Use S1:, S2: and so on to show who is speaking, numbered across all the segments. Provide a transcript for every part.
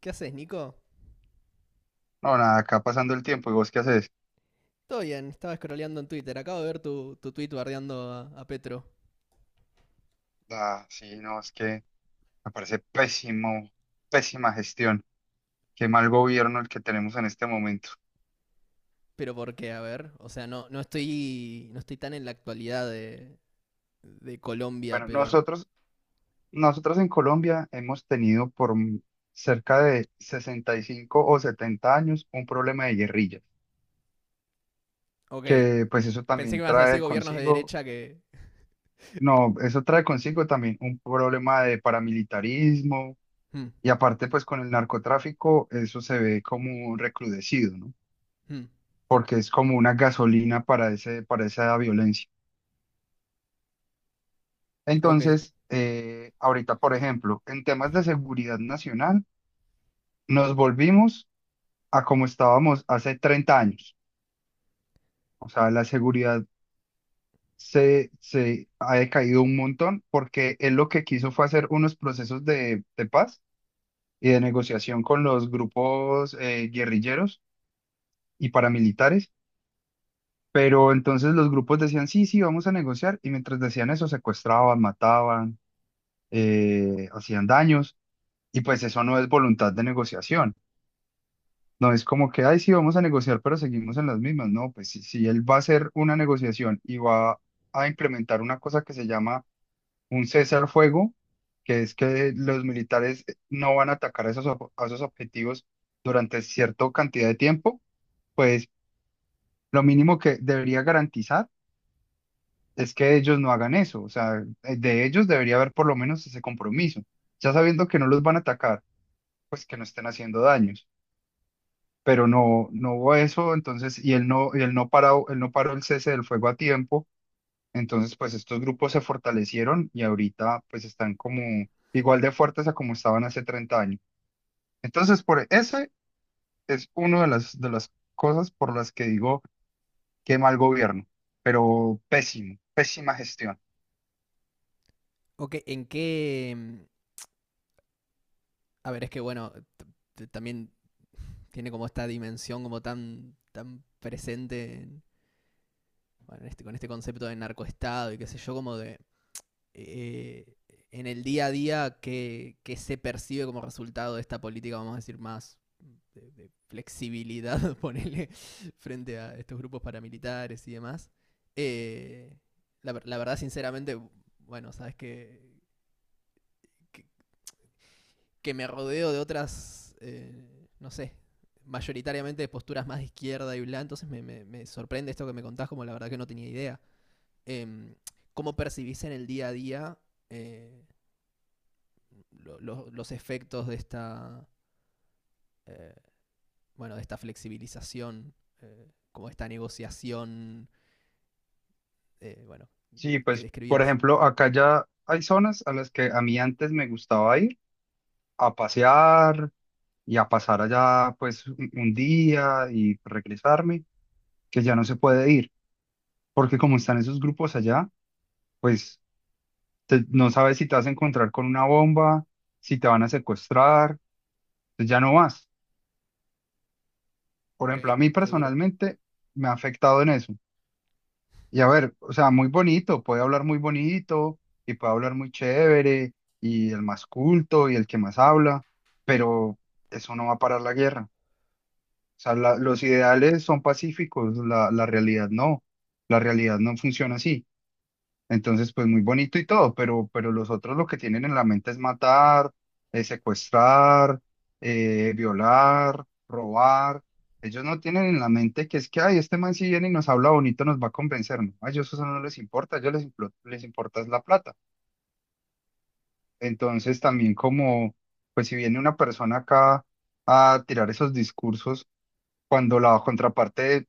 S1: ¿Qué haces, Nico?
S2: No, nada, acá pasando el tiempo, ¿y vos qué haces?
S1: Todo bien, estaba scrolleando en Twitter. Acabo de ver tu tweet bardeando a Petro.
S2: Ah, sí, no, es que me parece pésimo, pésima gestión, qué mal gobierno el que tenemos en este momento.
S1: ¿Pero por qué? A ver. O sea, no, No estoy tan en la actualidad de Colombia,
S2: Bueno,
S1: pero.
S2: nosotros en Colombia hemos tenido cerca de 65 o 70 años un problema de guerrillas,
S1: Ok.
S2: que pues eso
S1: Pensé que
S2: también
S1: me vas a decir
S2: trae
S1: gobiernos de
S2: consigo,
S1: derecha que.
S2: no, eso trae consigo también un problema de paramilitarismo
S1: Hmm,
S2: y aparte pues con el narcotráfico eso se ve como recrudecido, ¿no?
S1: hmm,
S2: Porque es como una gasolina para para esa violencia.
S1: Ok.
S2: Entonces, ahorita, por ejemplo, en temas de seguridad nacional, nos volvimos a como estábamos hace 30 años. O sea, la seguridad se ha decaído un montón porque él lo que quiso fue hacer unos procesos de paz y de negociación con los grupos guerrilleros y paramilitares. Pero entonces los grupos decían, sí, sí, vamos a negociar. Y mientras decían eso, secuestraban, mataban, hacían daños, y pues eso no es voluntad de negociación. No es como que, ay, sí, vamos a negociar, pero seguimos en las mismas. No, pues si él va a hacer una negociación y va a implementar una cosa que se llama un cese al fuego, que es que los militares no van a atacar a a esos objetivos durante cierta cantidad de tiempo, pues lo mínimo que debería garantizar es que ellos no hagan eso. O sea, de ellos debería haber por lo menos ese compromiso, ya sabiendo que no los van a atacar pues que no estén haciendo daños. Pero no, no hubo eso, entonces, y él no paró el cese del fuego a tiempo. Entonces, pues estos grupos se fortalecieron y ahorita pues están como igual de fuertes a como estaban hace 30 años. Entonces, por ese es uno de de las cosas por las que digo que mal gobierno, pero pésimo, pésima gestión.
S1: Ok, A ver, es que bueno, también tiene como esta dimensión como tan presente bueno, con este concepto de narcoestado y qué sé yo, como de. Eh, en el día a día qué se percibe como resultado de esta política, vamos a decir, más de flexibilidad, ponele, frente a estos grupos paramilitares y demás. Eh, la verdad, sinceramente, bueno, sabes que, que me rodeo de otras, no sé, mayoritariamente de posturas más de izquierda y bla, entonces me sorprende esto que me contás, como la verdad que no tenía idea. Em, ¿Cómo percibís en el día a día eh, los efectos de esta, eh, bueno, de esta flexibilización, como esta negociación, eh, bueno,
S2: Sí,
S1: que
S2: pues, por
S1: describías.
S2: ejemplo, acá ya hay zonas a las que a mí antes me gustaba ir a pasear, y a pasar allá pues un día y regresarme, que ya no se puede ir, porque como están esos grupos allá, pues no sabes si te vas a encontrar con una bomba, si te van a secuestrar, pues ya no vas. Por
S1: Ok,
S2: ejemplo, a mí
S1: qué duro.
S2: personalmente me ha afectado en eso. Y a ver, o sea, muy bonito, puede hablar muy bonito y puede hablar muy chévere y el más culto y el que más habla, pero eso no va a parar la guerra. O sea, los ideales son pacíficos, la realidad no. La
S1: Mm,
S2: realidad no funciona así. Entonces, pues muy bonito y todo, pero los otros lo que tienen en la mente es matar, secuestrar, violar, robar. Ellos no tienen en la mente que es que, ay, este man si viene y nos habla bonito nos va a convencer. No, a ellos eso no les importa, a ellos les importa es la plata. Entonces, también como, pues si viene una persona acá a tirar esos discursos, cuando la contraparte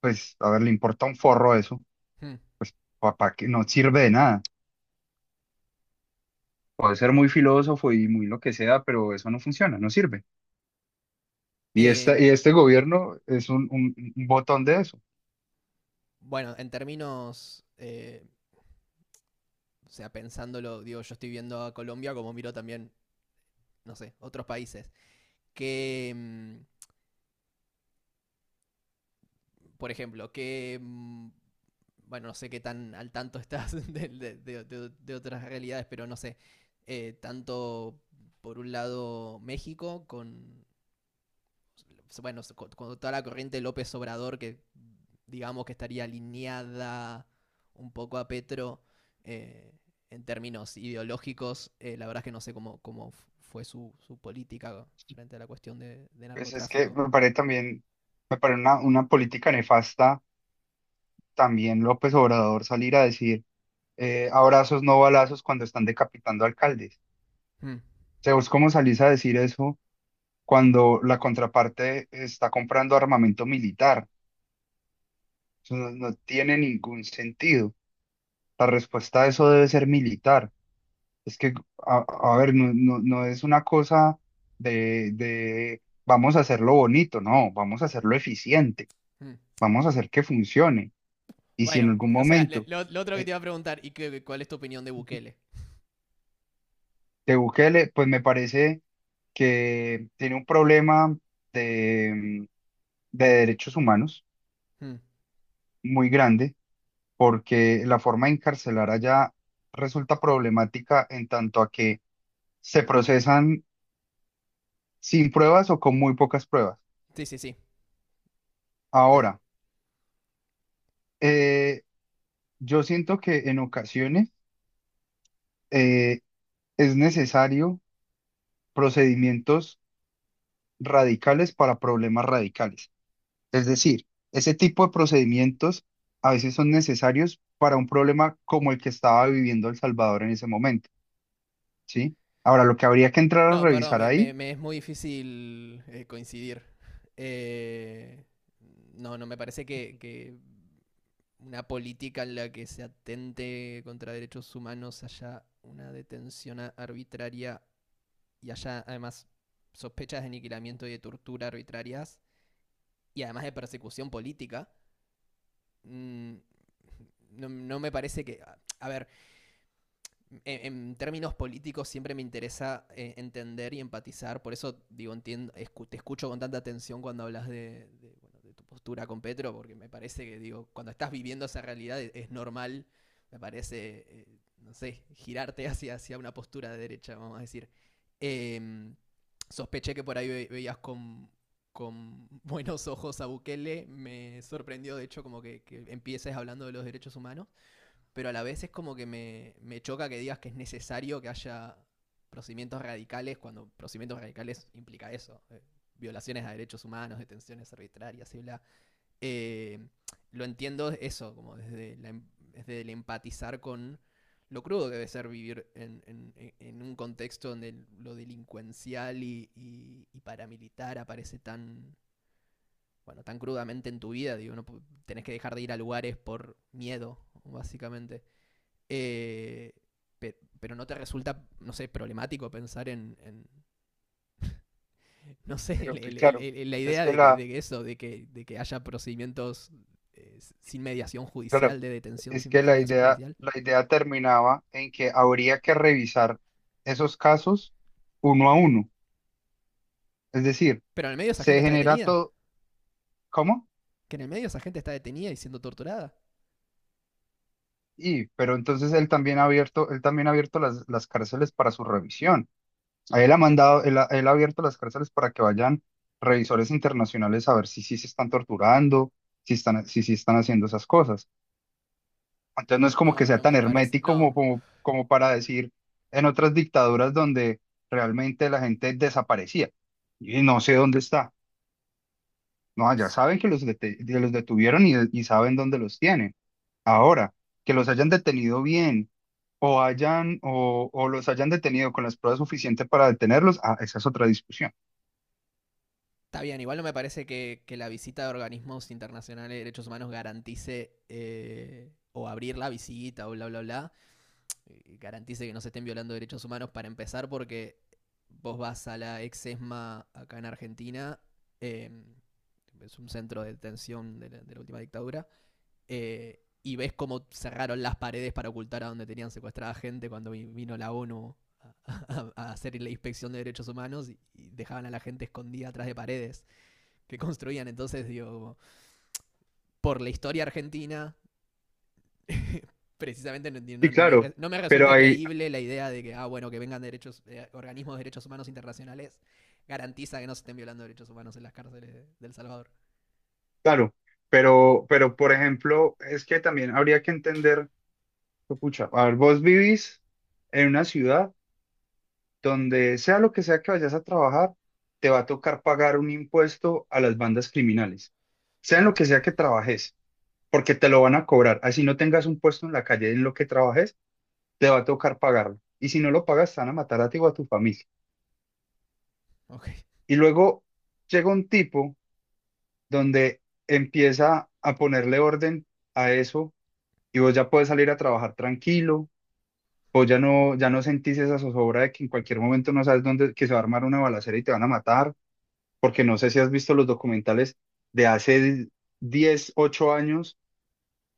S2: pues, a ver, le importa un forro eso,
S1: mm.
S2: papá, que no sirve de nada. Puede ser muy filósofo y muy lo que sea, pero eso no funciona, no sirve. Y
S1: Em,
S2: y este gobierno es un botón de eso.
S1: bueno, en términos, o sea, pensándolo, digo, yo estoy viendo a Colombia como miro también, no sé, otros países. ¿Qué, mm, por ejemplo, bueno, no sé qué tan al tanto estás de, de otras realidades, pero no sé. Tanto por un lado México con, bueno, con toda la corriente López Obrador que digamos que estaría alineada un poco a Petro eh, en términos ideológicos. La verdad es que no sé cómo, fue su política frente a la cuestión de
S2: Pues es que
S1: narcotráfico.
S2: me parece también, me parece una política nefasta también López Obrador salir a decir abrazos, no balazos cuando están decapitando alcaldes. O
S1: Mm,
S2: sea, ¿vos cómo salís a decir eso cuando la contraparte está comprando armamento militar? Eso no no tiene ningún sentido. La respuesta a eso debe ser militar. Es que, a, a ver, no, no es una cosa de vamos a hacerlo bonito, no, vamos a hacerlo eficiente,
S1: mm.
S2: vamos a hacer que funcione. Y si en
S1: Bueno,
S2: algún
S1: o sea,
S2: momento
S1: lo otro que
S2: eh,
S1: te iba a preguntar, ¿cuál es tu opinión de Bukele?
S2: de Bukele, pues me parece que tiene un problema de, de derechos humanos
S1: Hmm,
S2: muy grande, porque la forma de encarcelar allá resulta problemática en tanto a que se procesan sin pruebas o con muy pocas pruebas.
S1: Sí, sí, sí. Te-
S2: Ahora, eh, yo siento que en ocasiones eh, es necesario procedimientos radicales para problemas radicales. Es decir, ese tipo de procedimientos a veces son necesarios para un problema como el que estaba viviendo El Salvador en ese momento, ¿sí? Ahora, lo que habría que entrar a
S1: no, perdón,
S2: revisar ahí,
S1: me es muy difícil coincidir. Eh, no, no, me parece que una política en la que se atente contra derechos humanos haya una detención arbitraria y haya además sospechas de aniquilamiento y de tortura arbitrarias y además de persecución política, mm, no, no me parece que... A a ver, en, términos políticos siempre me interesa entender y empatizar, por eso digo, entiendo, te escucho con tanta atención cuando hablas bueno, de tu postura con Petro, porque me parece que digo, cuando estás viviendo esa realidad es normal, me parece, no sé, girarte hacia, hacia una postura de derecha, vamos a decir. Eh, sospeché que por ahí veías con buenos ojos a Bukele, me sorprendió de hecho como que empieces hablando de los derechos humanos pero a la vez es como que me choca que digas que es necesario que haya procedimientos radicales cuando procedimientos radicales implica eso, violaciones a derechos humanos, detenciones arbitrarias y bla. Eh, lo entiendo eso, como desde, desde el empatizar con lo crudo que debe ser vivir en, en un contexto donde lo delincuencial y paramilitar aparece tan, bueno, tan crudamente en tu vida. Digo, no, tenés que dejar de ir a lugares por miedo, básicamente. Eh, pero no te resulta, no sé, problemático pensar en, no sé,
S2: pero que claro,
S1: la
S2: es
S1: idea
S2: que la,
S1: de que eso, de que haya procedimientos eh, sin mediación
S2: claro,
S1: judicial, de detención
S2: es
S1: sin,
S2: que
S1: sin mediación judicial.
S2: la idea terminaba en que habría que revisar esos casos uno a uno. Es decir,
S1: Pero en el medio esa
S2: se
S1: gente está
S2: genera
S1: detenida.
S2: todo, ¿cómo?
S1: Que en el medio esa gente está detenida y siendo torturada.
S2: Y, pero entonces él también ha abierto las cárceles para su revisión. A Él ha mandado, él ha abierto las cárceles para que vayan revisores internacionales a ver si sí se están torturando, si sí están haciendo esas cosas. Entonces no es
S1: No,
S2: como que
S1: no,
S2: sea
S1: no
S2: tan
S1: me parece.
S2: hermético como,
S1: No,
S2: como para decir en otras dictaduras donde realmente la gente desaparecía y no sé dónde está. No, ya saben que que los detuvieron y saben dónde los tienen. Ahora, que los hayan detenido bien o hayan o los hayan detenido con las pruebas suficientes para detenerlos, ah, esa es otra discusión.
S1: está bien, igual no me parece que la visita de organismos internacionales de derechos humanos garantice o abrir la visita o bla, bla, bla. Garantice que no se estén violando derechos humanos para empezar, porque vos vas a la ex ESMA acá en Argentina, eh, es un centro de detención de la última dictadura, y ves cómo cerraron las paredes para ocultar a donde tenían secuestrada gente cuando vino la ONU a, a hacer la inspección de derechos humanos y dejaban a la gente escondida atrás de paredes que construían. Entonces, digo, por la historia argentina precisamente no,
S2: Sí,
S1: no
S2: claro,
S1: me, no me
S2: pero
S1: resulta
S2: ahí,
S1: creíble la idea de que, ah, bueno, que vengan derechos, organismos de derechos humanos internacionales, garantiza que no se estén violando derechos humanos en las cárceles de El Salvador.
S2: claro, pero por ejemplo, es que también habría que entender, pucha, a ver, vos vivís en una ciudad donde sea lo que sea que vayas a trabajar, te va a tocar pagar un impuesto a las bandas criminales, sea en
S1: Mm,
S2: lo que sea que trabajes, porque te lo van a cobrar, así no tengas un puesto en la calle en lo que trabajes te va a tocar pagarlo. Y si no lo pagas, te van a matar a ti o a tu familia.
S1: ok.
S2: Y luego llega un tipo donde empieza a ponerle orden a eso y vos ya puedes salir a trabajar tranquilo, vos ya no, ya no sentís esa zozobra de que en cualquier momento no sabes dónde, que se va a armar una balacera y te van a matar, porque no sé si has visto los documentales de hace 10 u 8 años,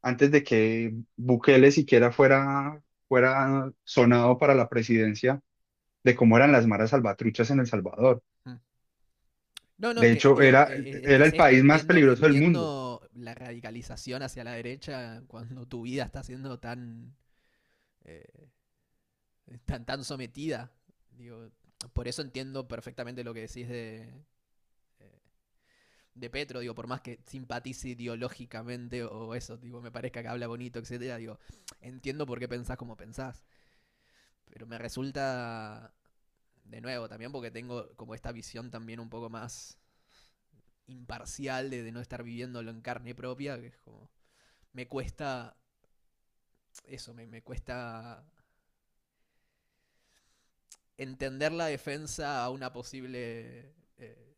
S2: antes de que Bukele siquiera fuera, fuera sonado para la presidencia, de cómo eran las maras salvatruchas en El Salvador.
S1: mm. No, no, es
S2: De
S1: que,
S2: hecho,
S1: digo,
S2: era,
S1: es que
S2: era
S1: es
S2: el
S1: esto,
S2: país más
S1: entiendo,
S2: peligroso del mundo,
S1: entiendo la radicalización hacia la derecha cuando tu vida está siendo tan, eh, tan, tan sometida. Digo, por eso entiendo perfectamente lo que decís eh, de Petro, digo, por más que simpatice ideológicamente o eso, digo, me parezca que habla bonito, etcétera, digo, entiendo por qué pensás como pensás, pero me resulta de nuevo también porque tengo como esta visión también un poco más imparcial de no estar viviéndolo en carne propia, que es como me cuesta eso, me cuesta entender la defensa a una posible eh,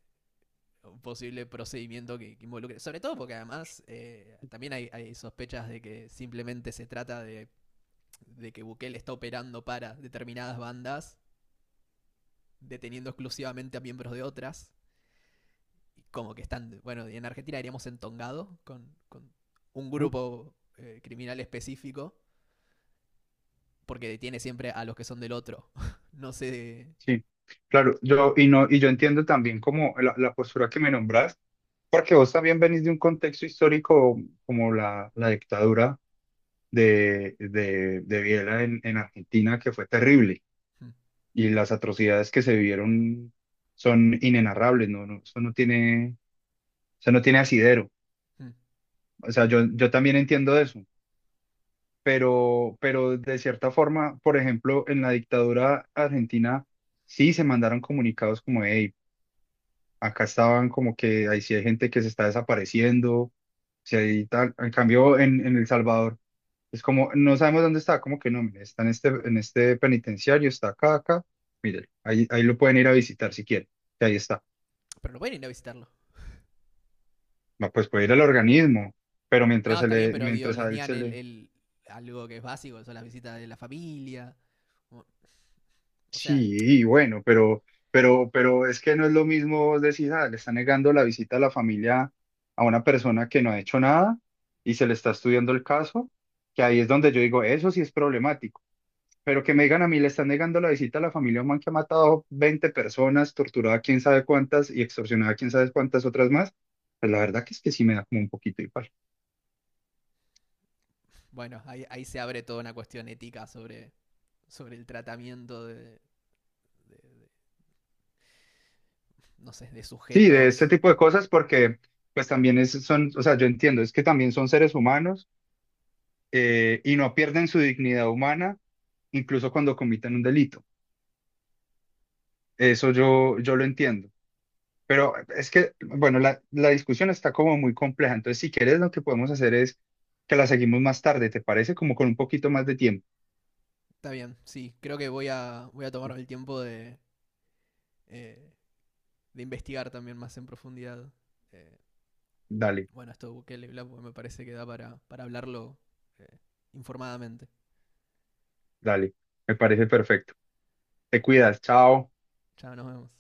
S1: un posible procedimiento que involucre. Sobre todo porque además también hay, sospechas de que simplemente se trata de que Bukele está operando para determinadas bandas, deteniendo exclusivamente a miembros de otras, y como que están, bueno, en Argentina diríamos entongado con un
S2: ¿no?
S1: grupo criminal específico, porque detiene siempre a los que son del otro. No sé...
S2: Sí, claro, yo, y no, y yo entiendo también como la postura que me nombras, porque vos también venís de un contexto histórico como la dictadura de Videla en Argentina, que fue terrible,
S1: Hmm,
S2: y las atrocidades que se vivieron son inenarrables, no, no, eso no tiene asidero.
S1: hmm.
S2: O sea, yo también entiendo eso. Pero de cierta forma, por ejemplo, en la dictadura argentina sí se mandaron comunicados como, hey, acá estaban como que ahí sí hay gente que se está desapareciendo, si hay tal, en cambio en El Salvador es como, no sabemos dónde está, como que no, mire, está en este penitenciario, está acá, acá, mire, ahí, ahí lo pueden ir a visitar si quieren, que ahí está.
S1: Pero no pueden ir a visitarlo.
S2: Va, pues puede ir al organismo, pero
S1: No,
S2: mientras se
S1: está bien,
S2: le,
S1: pero digo,
S2: mientras a
S1: les
S2: él
S1: niegan
S2: se le.
S1: el algo que es básico, son las visitas de la familia. O sea,
S2: Sí, bueno, pero es que no es lo mismo vos decís, ah, le está negando la visita a la familia a una persona que no ha hecho nada y se le está estudiando el caso, que ahí es donde yo digo, eso sí es problemático. Pero que me digan a mí, le están negando la visita a la familia a un man que ha matado 20 personas, torturado a quién sabe cuántas y extorsionado a quién sabe cuántas otras más, pues la verdad que es que sí me da como un poquito igual.
S1: bueno, ahí se abre toda una cuestión ética sobre, sobre el tratamiento de, no sé, de
S2: Sí, de este
S1: sujetos.
S2: tipo de cosas
S1: Mm,
S2: porque pues también es, son, o sea, yo entiendo, es que también son seres humanos y no pierden su dignidad humana incluso cuando comitan un delito. Eso yo, yo lo entiendo. Pero es que, bueno, la discusión está como muy compleja. Entonces, si quieres, lo que podemos hacer es que la seguimos más tarde, ¿te parece? Como con un poquito más de tiempo.
S1: Está bien, sí, creo que voy a, voy a tomarme el tiempo eh, de investigar también más en profundidad. eh,
S2: Dale,
S1: bueno, esto de Bukele y Bla, me parece que da para hablarlo eh, informadamente.
S2: dale. Me parece perfecto. Te cuidas. Chao.
S1: Ya nos vemos.